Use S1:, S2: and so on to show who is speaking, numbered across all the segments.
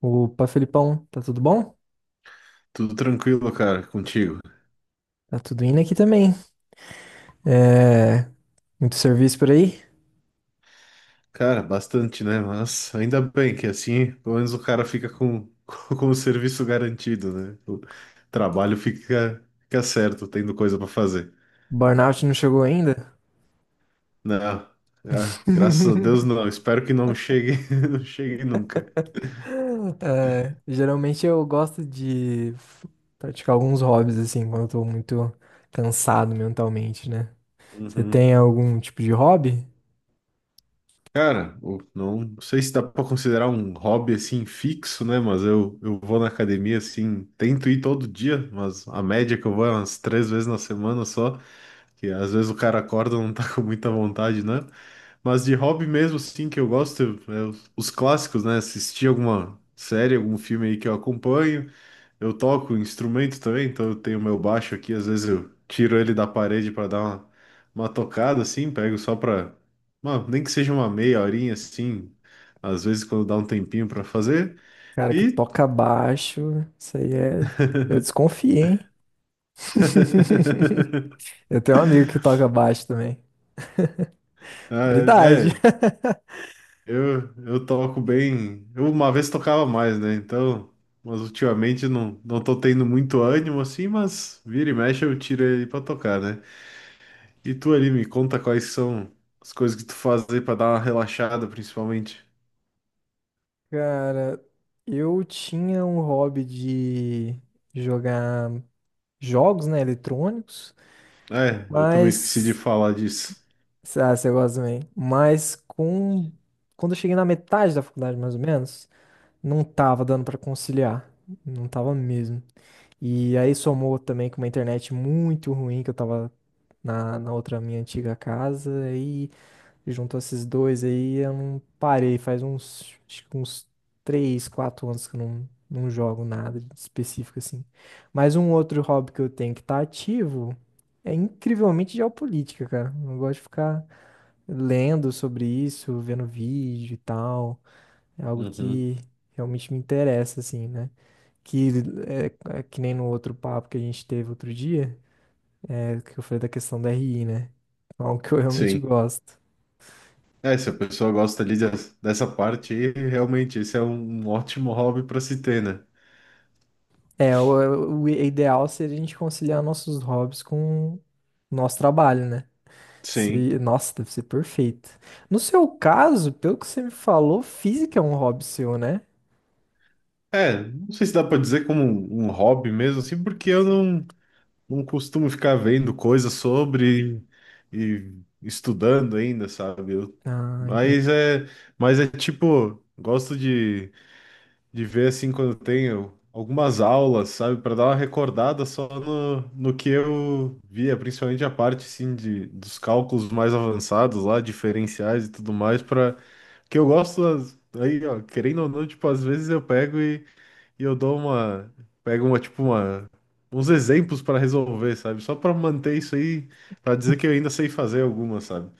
S1: Opa, Felipão, tá tudo bom?
S2: Tudo tranquilo, cara, contigo.
S1: Tá tudo indo aqui também. É, muito serviço por aí?
S2: Cara, bastante, né? Mas ainda bem que assim, pelo menos o cara fica com, com o serviço garantido, né? O trabalho fica certo, tendo coisa pra fazer.
S1: Burnout não chegou ainda?
S2: Não, ah, graças a Deus não. Espero que não chegue, não chegue nunca.
S1: É, geralmente eu gosto praticar alguns hobbies assim, quando eu tô muito cansado mentalmente, né? Você
S2: Uhum.
S1: tem algum tipo de hobby?
S2: Cara, não sei se dá pra considerar um hobby assim fixo, né? Mas eu vou na academia assim, tento ir todo dia, mas a média que eu vou é umas três vezes na semana só. Que às vezes o cara acorda e não tá com muita vontade, né? Mas de hobby mesmo, sim, que eu gosto, é os clássicos, né? Assistir alguma série, algum filme aí que eu acompanho. Eu toco instrumento também, então eu tenho meu baixo aqui, às vezes eu tiro ele da parede para dar uma tocada, assim, pego só pra. Nem que seja uma meia horinha, assim, às vezes quando dá um tempinho para fazer.
S1: Cara que
S2: E.
S1: toca baixo, isso aí é. Eu desconfiei, hein? Eu tenho um amigo que toca baixo também.
S2: Ah,
S1: Raridade.
S2: é, é, eu toco bem. Eu uma vez tocava mais, né? Então, mas ultimamente não tô tendo muito ânimo assim, mas vira e mexe eu tiro ele pra tocar, né? E tu ali me conta quais são as coisas que tu faz aí pra dar uma relaxada, principalmente.
S1: Cara, eu tinha um hobby de jogar jogos, né, eletrônicos,
S2: É, eu também esqueci de
S1: mas,
S2: falar disso.
S1: ah, você gosta também, mas com, quando eu cheguei na metade da faculdade, mais ou menos, não tava dando pra conciliar, não tava mesmo. E aí somou também com uma internet muito ruim que eu tava na outra minha antiga casa, e junto a esses dois aí, eu não parei. Faz uns, acho que uns 3 4 anos que eu não jogo nada específico assim. Mas um outro hobby que eu tenho que tá ativo é incrivelmente geopolítica, cara. Eu gosto de ficar lendo sobre isso, vendo vídeo e tal. É algo
S2: Uhum.
S1: que realmente me interessa, assim, né? Que é, é que nem no outro papo que a gente teve outro dia, é, que eu falei da questão da RI, né? É algo que eu realmente
S2: Sim.
S1: gosto.
S2: É, se a pessoa gosta ali dessa parte aí, realmente esse é um ótimo hobby pra se ter, né?
S1: É, o ideal seria a gente conciliar nossos hobbies com o nosso trabalho, né?
S2: Sim.
S1: Se, nossa, deve ser perfeito. No seu caso, pelo que você me falou, física é um hobby seu, né?
S2: É, não sei se dá pra dizer como um hobby mesmo, assim, porque eu não. Não costumo ficar vendo coisas sobre e estudando ainda, sabe?
S1: Ah,
S2: Mas
S1: entendi.
S2: é, mas é tipo, gosto de ver assim quando tenho algumas aulas, sabe? Para dar uma recordada só no que eu via, principalmente a parte assim de, dos cálculos mais avançados lá, diferenciais e tudo mais, para que eu gosto aí, ó, querendo ou não, tipo, às vezes eu pego e eu dou uma. Pego uma, tipo, uma. Uns exemplos pra resolver, sabe? Só pra manter isso aí, pra dizer que eu ainda sei fazer alguma, sabe?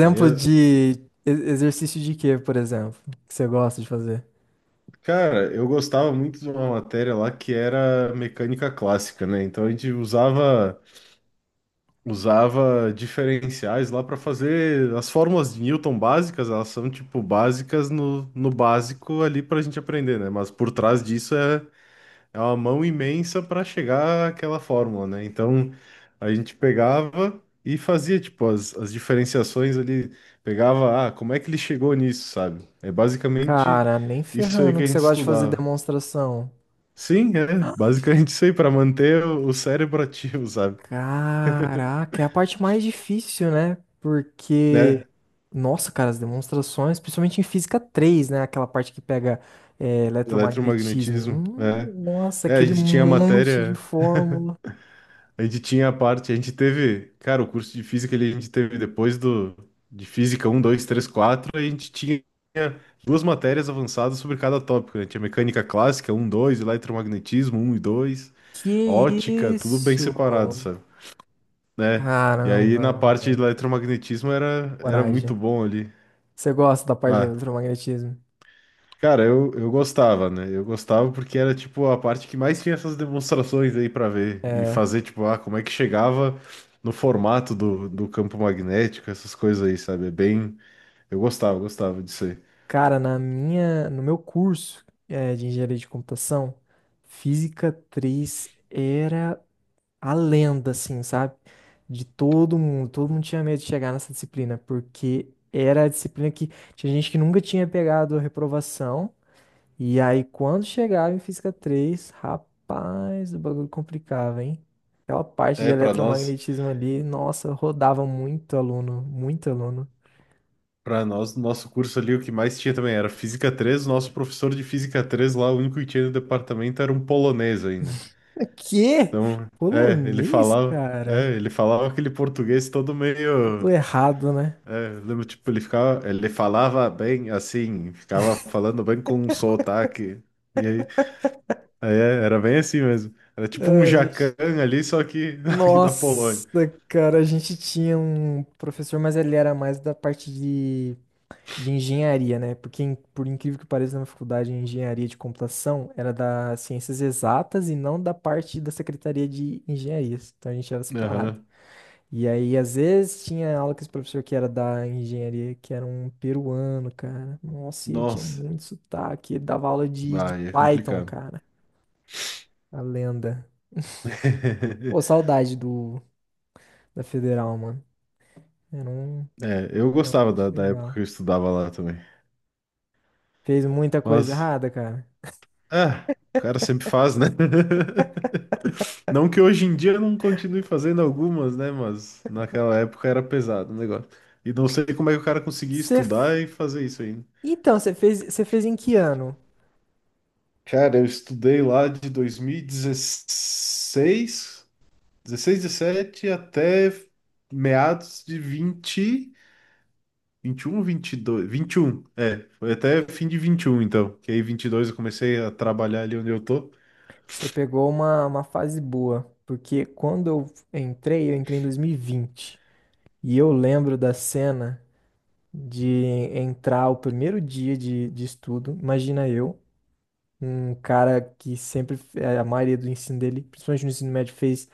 S2: Aí, eu-
S1: de exercício de quê, por exemplo, que você gosta de fazer?
S2: Cara, eu gostava muito de uma matéria lá que era mecânica clássica, né? Então a gente usava diferenciais lá pra fazer as fórmulas de Newton básicas, elas são tipo básicas no básico ali pra gente aprender, né? Mas por trás disso é uma mão imensa para chegar àquela fórmula, né? Então a gente pegava e fazia tipo as diferenciações ali, pegava, ah, como é que ele chegou nisso, sabe? É basicamente
S1: Cara, nem
S2: isso aí
S1: ferrando
S2: que
S1: que
S2: a gente
S1: você gosta de fazer
S2: estudava.
S1: demonstração.
S2: Sim, é basicamente isso aí para manter o cérebro ativo, sabe?
S1: Caraca, é a parte mais difícil, né? Porque,
S2: Né?
S1: nossa, cara, as demonstrações, principalmente em física três, né? Aquela parte que pega é, eletromagnetismo.
S2: Eletromagnetismo, é.
S1: Nossa,
S2: É, a
S1: aquele
S2: gente tinha
S1: monte de
S2: matéria.
S1: fórmula.
S2: A gente tinha a parte, a gente teve, cara, o curso de física ele a gente teve depois do de física um 2 3 4 a gente tinha duas matérias avançadas sobre cada tópico, né? Tinha mecânica clássica um 2 eletromagnetismo um e 2
S1: Que
S2: ótica, tudo bem
S1: isso?
S2: separado, sabe? Né? E aí
S1: Caramba,
S2: na parte de eletromagnetismo era muito
S1: coragem.
S2: bom ali.
S1: Você gosta da parte de
S2: Ah,
S1: eletromagnetismo?
S2: cara, eu gostava, né? Eu gostava porque era, tipo, a parte que mais tinha essas demonstrações aí pra ver e
S1: É,
S2: fazer, tipo, ah, como é que chegava no formato do campo magnético, essas coisas aí, sabe? É bem... Eu gostava, gostava disso aí.
S1: cara, na minha, no meu curso é, de engenharia de computação, física três era a lenda, assim, sabe? De todo mundo. Todo mundo tinha medo de chegar nessa disciplina, porque era a disciplina que tinha gente que nunca tinha pegado a reprovação. E aí, quando chegava em física três, rapaz, o bagulho complicava, hein? Aquela parte de
S2: É, pra nós,
S1: eletromagnetismo ali, nossa, rodava muito aluno, muito aluno.
S2: para nós, no nosso curso ali, o que mais tinha também era Física três, o nosso professor de Física 3 lá, o único que tinha no departamento era um polonês ainda.
S1: Quê?
S2: Então,
S1: Polonês,
S2: é,
S1: cara?
S2: ele falava aquele português todo
S1: Tudo
S2: meio...
S1: errado, né?
S2: É, eu lembro, tipo, ele ficava, ele falava bem assim, ficava falando bem com um sotaque. E aí é, era bem assim mesmo. Era tipo um
S1: A
S2: jacan
S1: gente...
S2: ali, só que aqui da Polônia.
S1: nossa, cara, a gente tinha um professor, mas ele era mais da parte de engenharia, né? Porque, por incrível que pareça, na minha faculdade de engenharia de computação era da ciências exatas e não da parte da secretaria de engenharias. Então a gente era separado.
S2: Aham.
S1: E aí, às vezes, tinha aula com esse professor que era da engenharia, que era um peruano, cara. Nossa, e ele tinha
S2: Nossa,
S1: muito sotaque. Ele dava aula de
S2: vai, é
S1: Python,
S2: complicado.
S1: cara. A lenda. Pô, saudade do, da federal, mano. Era um...
S2: É, eu
S1: não,
S2: gostava da época que
S1: legal.
S2: eu estudava lá também.
S1: Fez muita coisa
S2: Mas,
S1: errada, cara.
S2: é, o cara sempre faz, né? Não que hoje em dia eu não continue fazendo algumas, né? Mas naquela época era pesado o negócio. E não sei como é que o cara conseguia
S1: Você... f-
S2: estudar e fazer isso aí.
S1: Então, você fez em que ano?
S2: Cara, eu estudei lá de 2016, 16, 17, até meados de vinte, vinte e um, vinte e dois, vinte e um. É, foi até fim de 21, então, que aí 22 eu comecei a trabalhar ali onde eu tô.
S1: Você pegou uma fase boa, porque quando eu entrei em 2020. E vinte. E eu lembro da cena de entrar o primeiro dia de estudo. Imagina eu, um cara que sempre, a maioria do ensino dele, principalmente no ensino médio, fez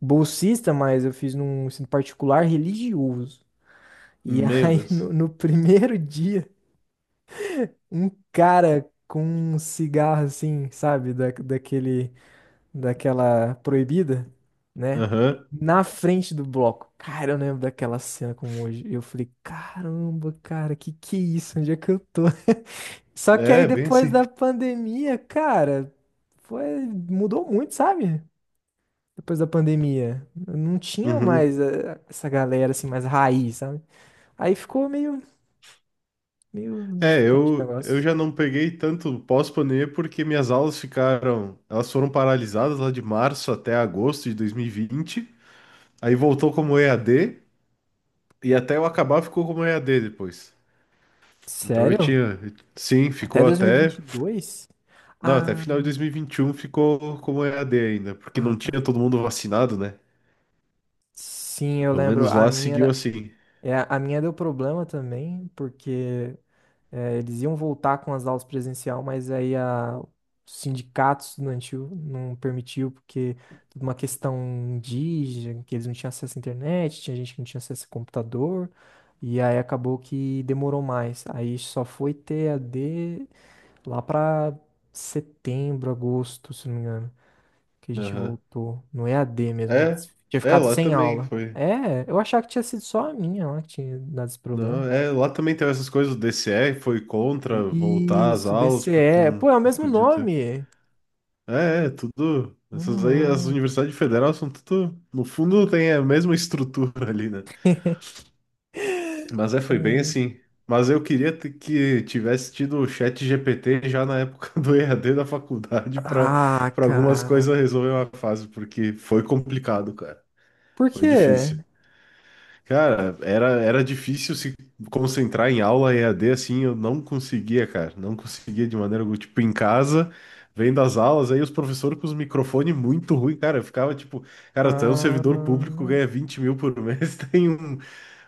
S1: bolsista, mas eu fiz num ensino particular religioso. E
S2: Meu
S1: aí,
S2: Deus.
S1: no primeiro dia, um cara com um cigarro assim, sabe, da, daquele, daquela proibida, né?
S2: Aham.
S1: Na frente do bloco. Cara, eu lembro daquela cena como hoje. Eu falei, caramba, cara, que é isso? Onde é que eu tô? Só que aí
S2: É, bem
S1: depois
S2: assim.
S1: da pandemia, cara, foi, mudou muito, sabe? Depois da pandemia, não tinha
S2: Uhum.
S1: mais essa galera assim mais raiz, sabe? Aí ficou meio
S2: É,
S1: diferente o
S2: eu
S1: negócio.
S2: já não peguei tanto pós-pandemia porque minhas aulas ficaram, elas foram paralisadas lá de março até agosto de 2020. Aí voltou como EAD. E até eu acabar ficou como E a EAD depois. Então eu
S1: Sério?
S2: tinha. Sim,
S1: Até
S2: ficou
S1: dois mil e
S2: até.
S1: vinte e dois.
S2: Não, até
S1: Ah,
S2: final de 2021 ficou como E a EAD ainda, porque
S1: ah,
S2: não
S1: tá.
S2: tinha todo mundo vacinado, né?
S1: Sim, eu
S2: Pelo
S1: lembro.
S2: menos
S1: A
S2: lá seguiu
S1: minha,
S2: assim.
S1: é, a minha deu problema também, porque é, eles iam voltar com as aulas presencial, mas aí a, o sindicato estudantil não permitiu, porque tudo uma questão indígena, que eles não tinham acesso à internet, tinha gente que não tinha acesso a computador, e aí acabou que demorou mais. Aí só foi ter EAD lá para setembro, agosto, se não me engano. Que a gente
S2: Aham.
S1: voltou no EAD mesmo
S2: É,
S1: antes. Tinha
S2: é,
S1: ficado
S2: lá
S1: sem
S2: também
S1: aula.
S2: foi.
S1: É, eu achava que tinha sido só a minha lá que tinha dado esse
S2: Não,
S1: problema.
S2: é, lá também teve essas coisas, o DCE foi contra voltar às
S1: Isso,
S2: aulas, porque
S1: DCE. Pô,
S2: não,
S1: é o
S2: não
S1: mesmo
S2: podia ter.
S1: nome.
S2: É, é, tudo.
S1: Mesmo
S2: Essas aí, as
S1: nome.
S2: universidades federais são tudo. No fundo, tem a mesma estrutura ali, né? Mas é, foi bem
S1: É.
S2: assim. Mas eu queria que tivesse tido o chat GPT já na época do EAD da faculdade para
S1: Ah,
S2: para algumas
S1: cara.
S2: coisas resolver uma fase, porque foi complicado, cara.
S1: Por
S2: Foi
S1: quê?
S2: difícil. Cara, era difícil se concentrar em aula EAD assim, eu não conseguia, cara. Não conseguia de maneira alguma. Tipo, em casa, vendo as aulas, aí os professores com os microfones muito ruim, cara. Eu ficava tipo, cara, tu é um servidor público,
S1: Ah,
S2: ganha 20 mil por mês, tem um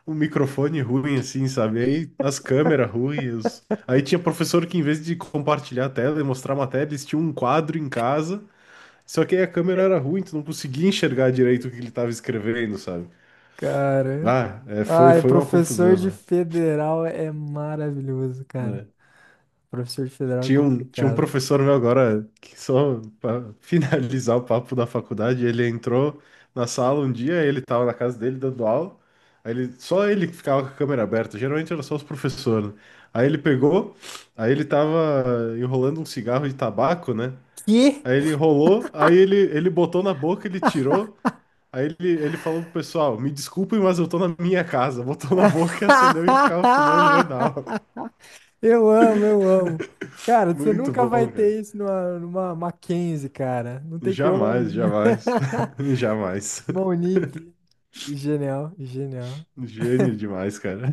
S2: o microfone ruim, assim, sabe? Aí as câmeras ruins. Aí tinha professor que, em vez de compartilhar a tela e mostrar a matéria, eles tinham um quadro em casa, só que aí a câmera era ruim, tu não conseguia enxergar direito o que ele estava escrevendo, sabe?
S1: cara.
S2: Ah, é, foi,
S1: Ai,
S2: foi uma
S1: professor de
S2: confusão,
S1: federal é maravilhoso,
S2: né?
S1: cara.
S2: É.
S1: Professor de federal é
S2: Tinha um
S1: complicado.
S2: professor meu agora, que só para finalizar o papo da faculdade, ele entrou na sala um dia, ele estava na casa dele dando aula, aí ele, só ele que ficava com a câmera aberta, geralmente era só os professores, né? Aí ele pegou, aí ele tava enrolando um cigarro de tabaco, né?
S1: Que?
S2: Aí ele enrolou, aí ele botou na boca, ele tirou, aí ele falou pro pessoal, me desculpem, mas eu tô na minha casa. Botou na boca, acendeu e ficava fumando no meio da aula.
S1: Eu amo, eu amo. Cara, você
S2: Muito
S1: nunca vai
S2: bom.
S1: ter isso numa, numa Mackenzie, cara. Não tem
S2: Jamais,
S1: como.
S2: jamais. Jamais.
S1: Uma Unip. Genial, genial.
S2: Gênio demais, cara.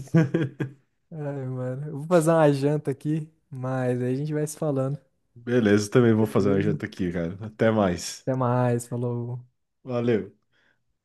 S1: Ai, mano. Eu vou fazer uma janta aqui, mas aí a gente vai se falando.
S2: Beleza, também vou fazer uma
S1: Beleza?
S2: janta aqui, cara. Até mais.
S1: Até mais, falou.
S2: Valeu.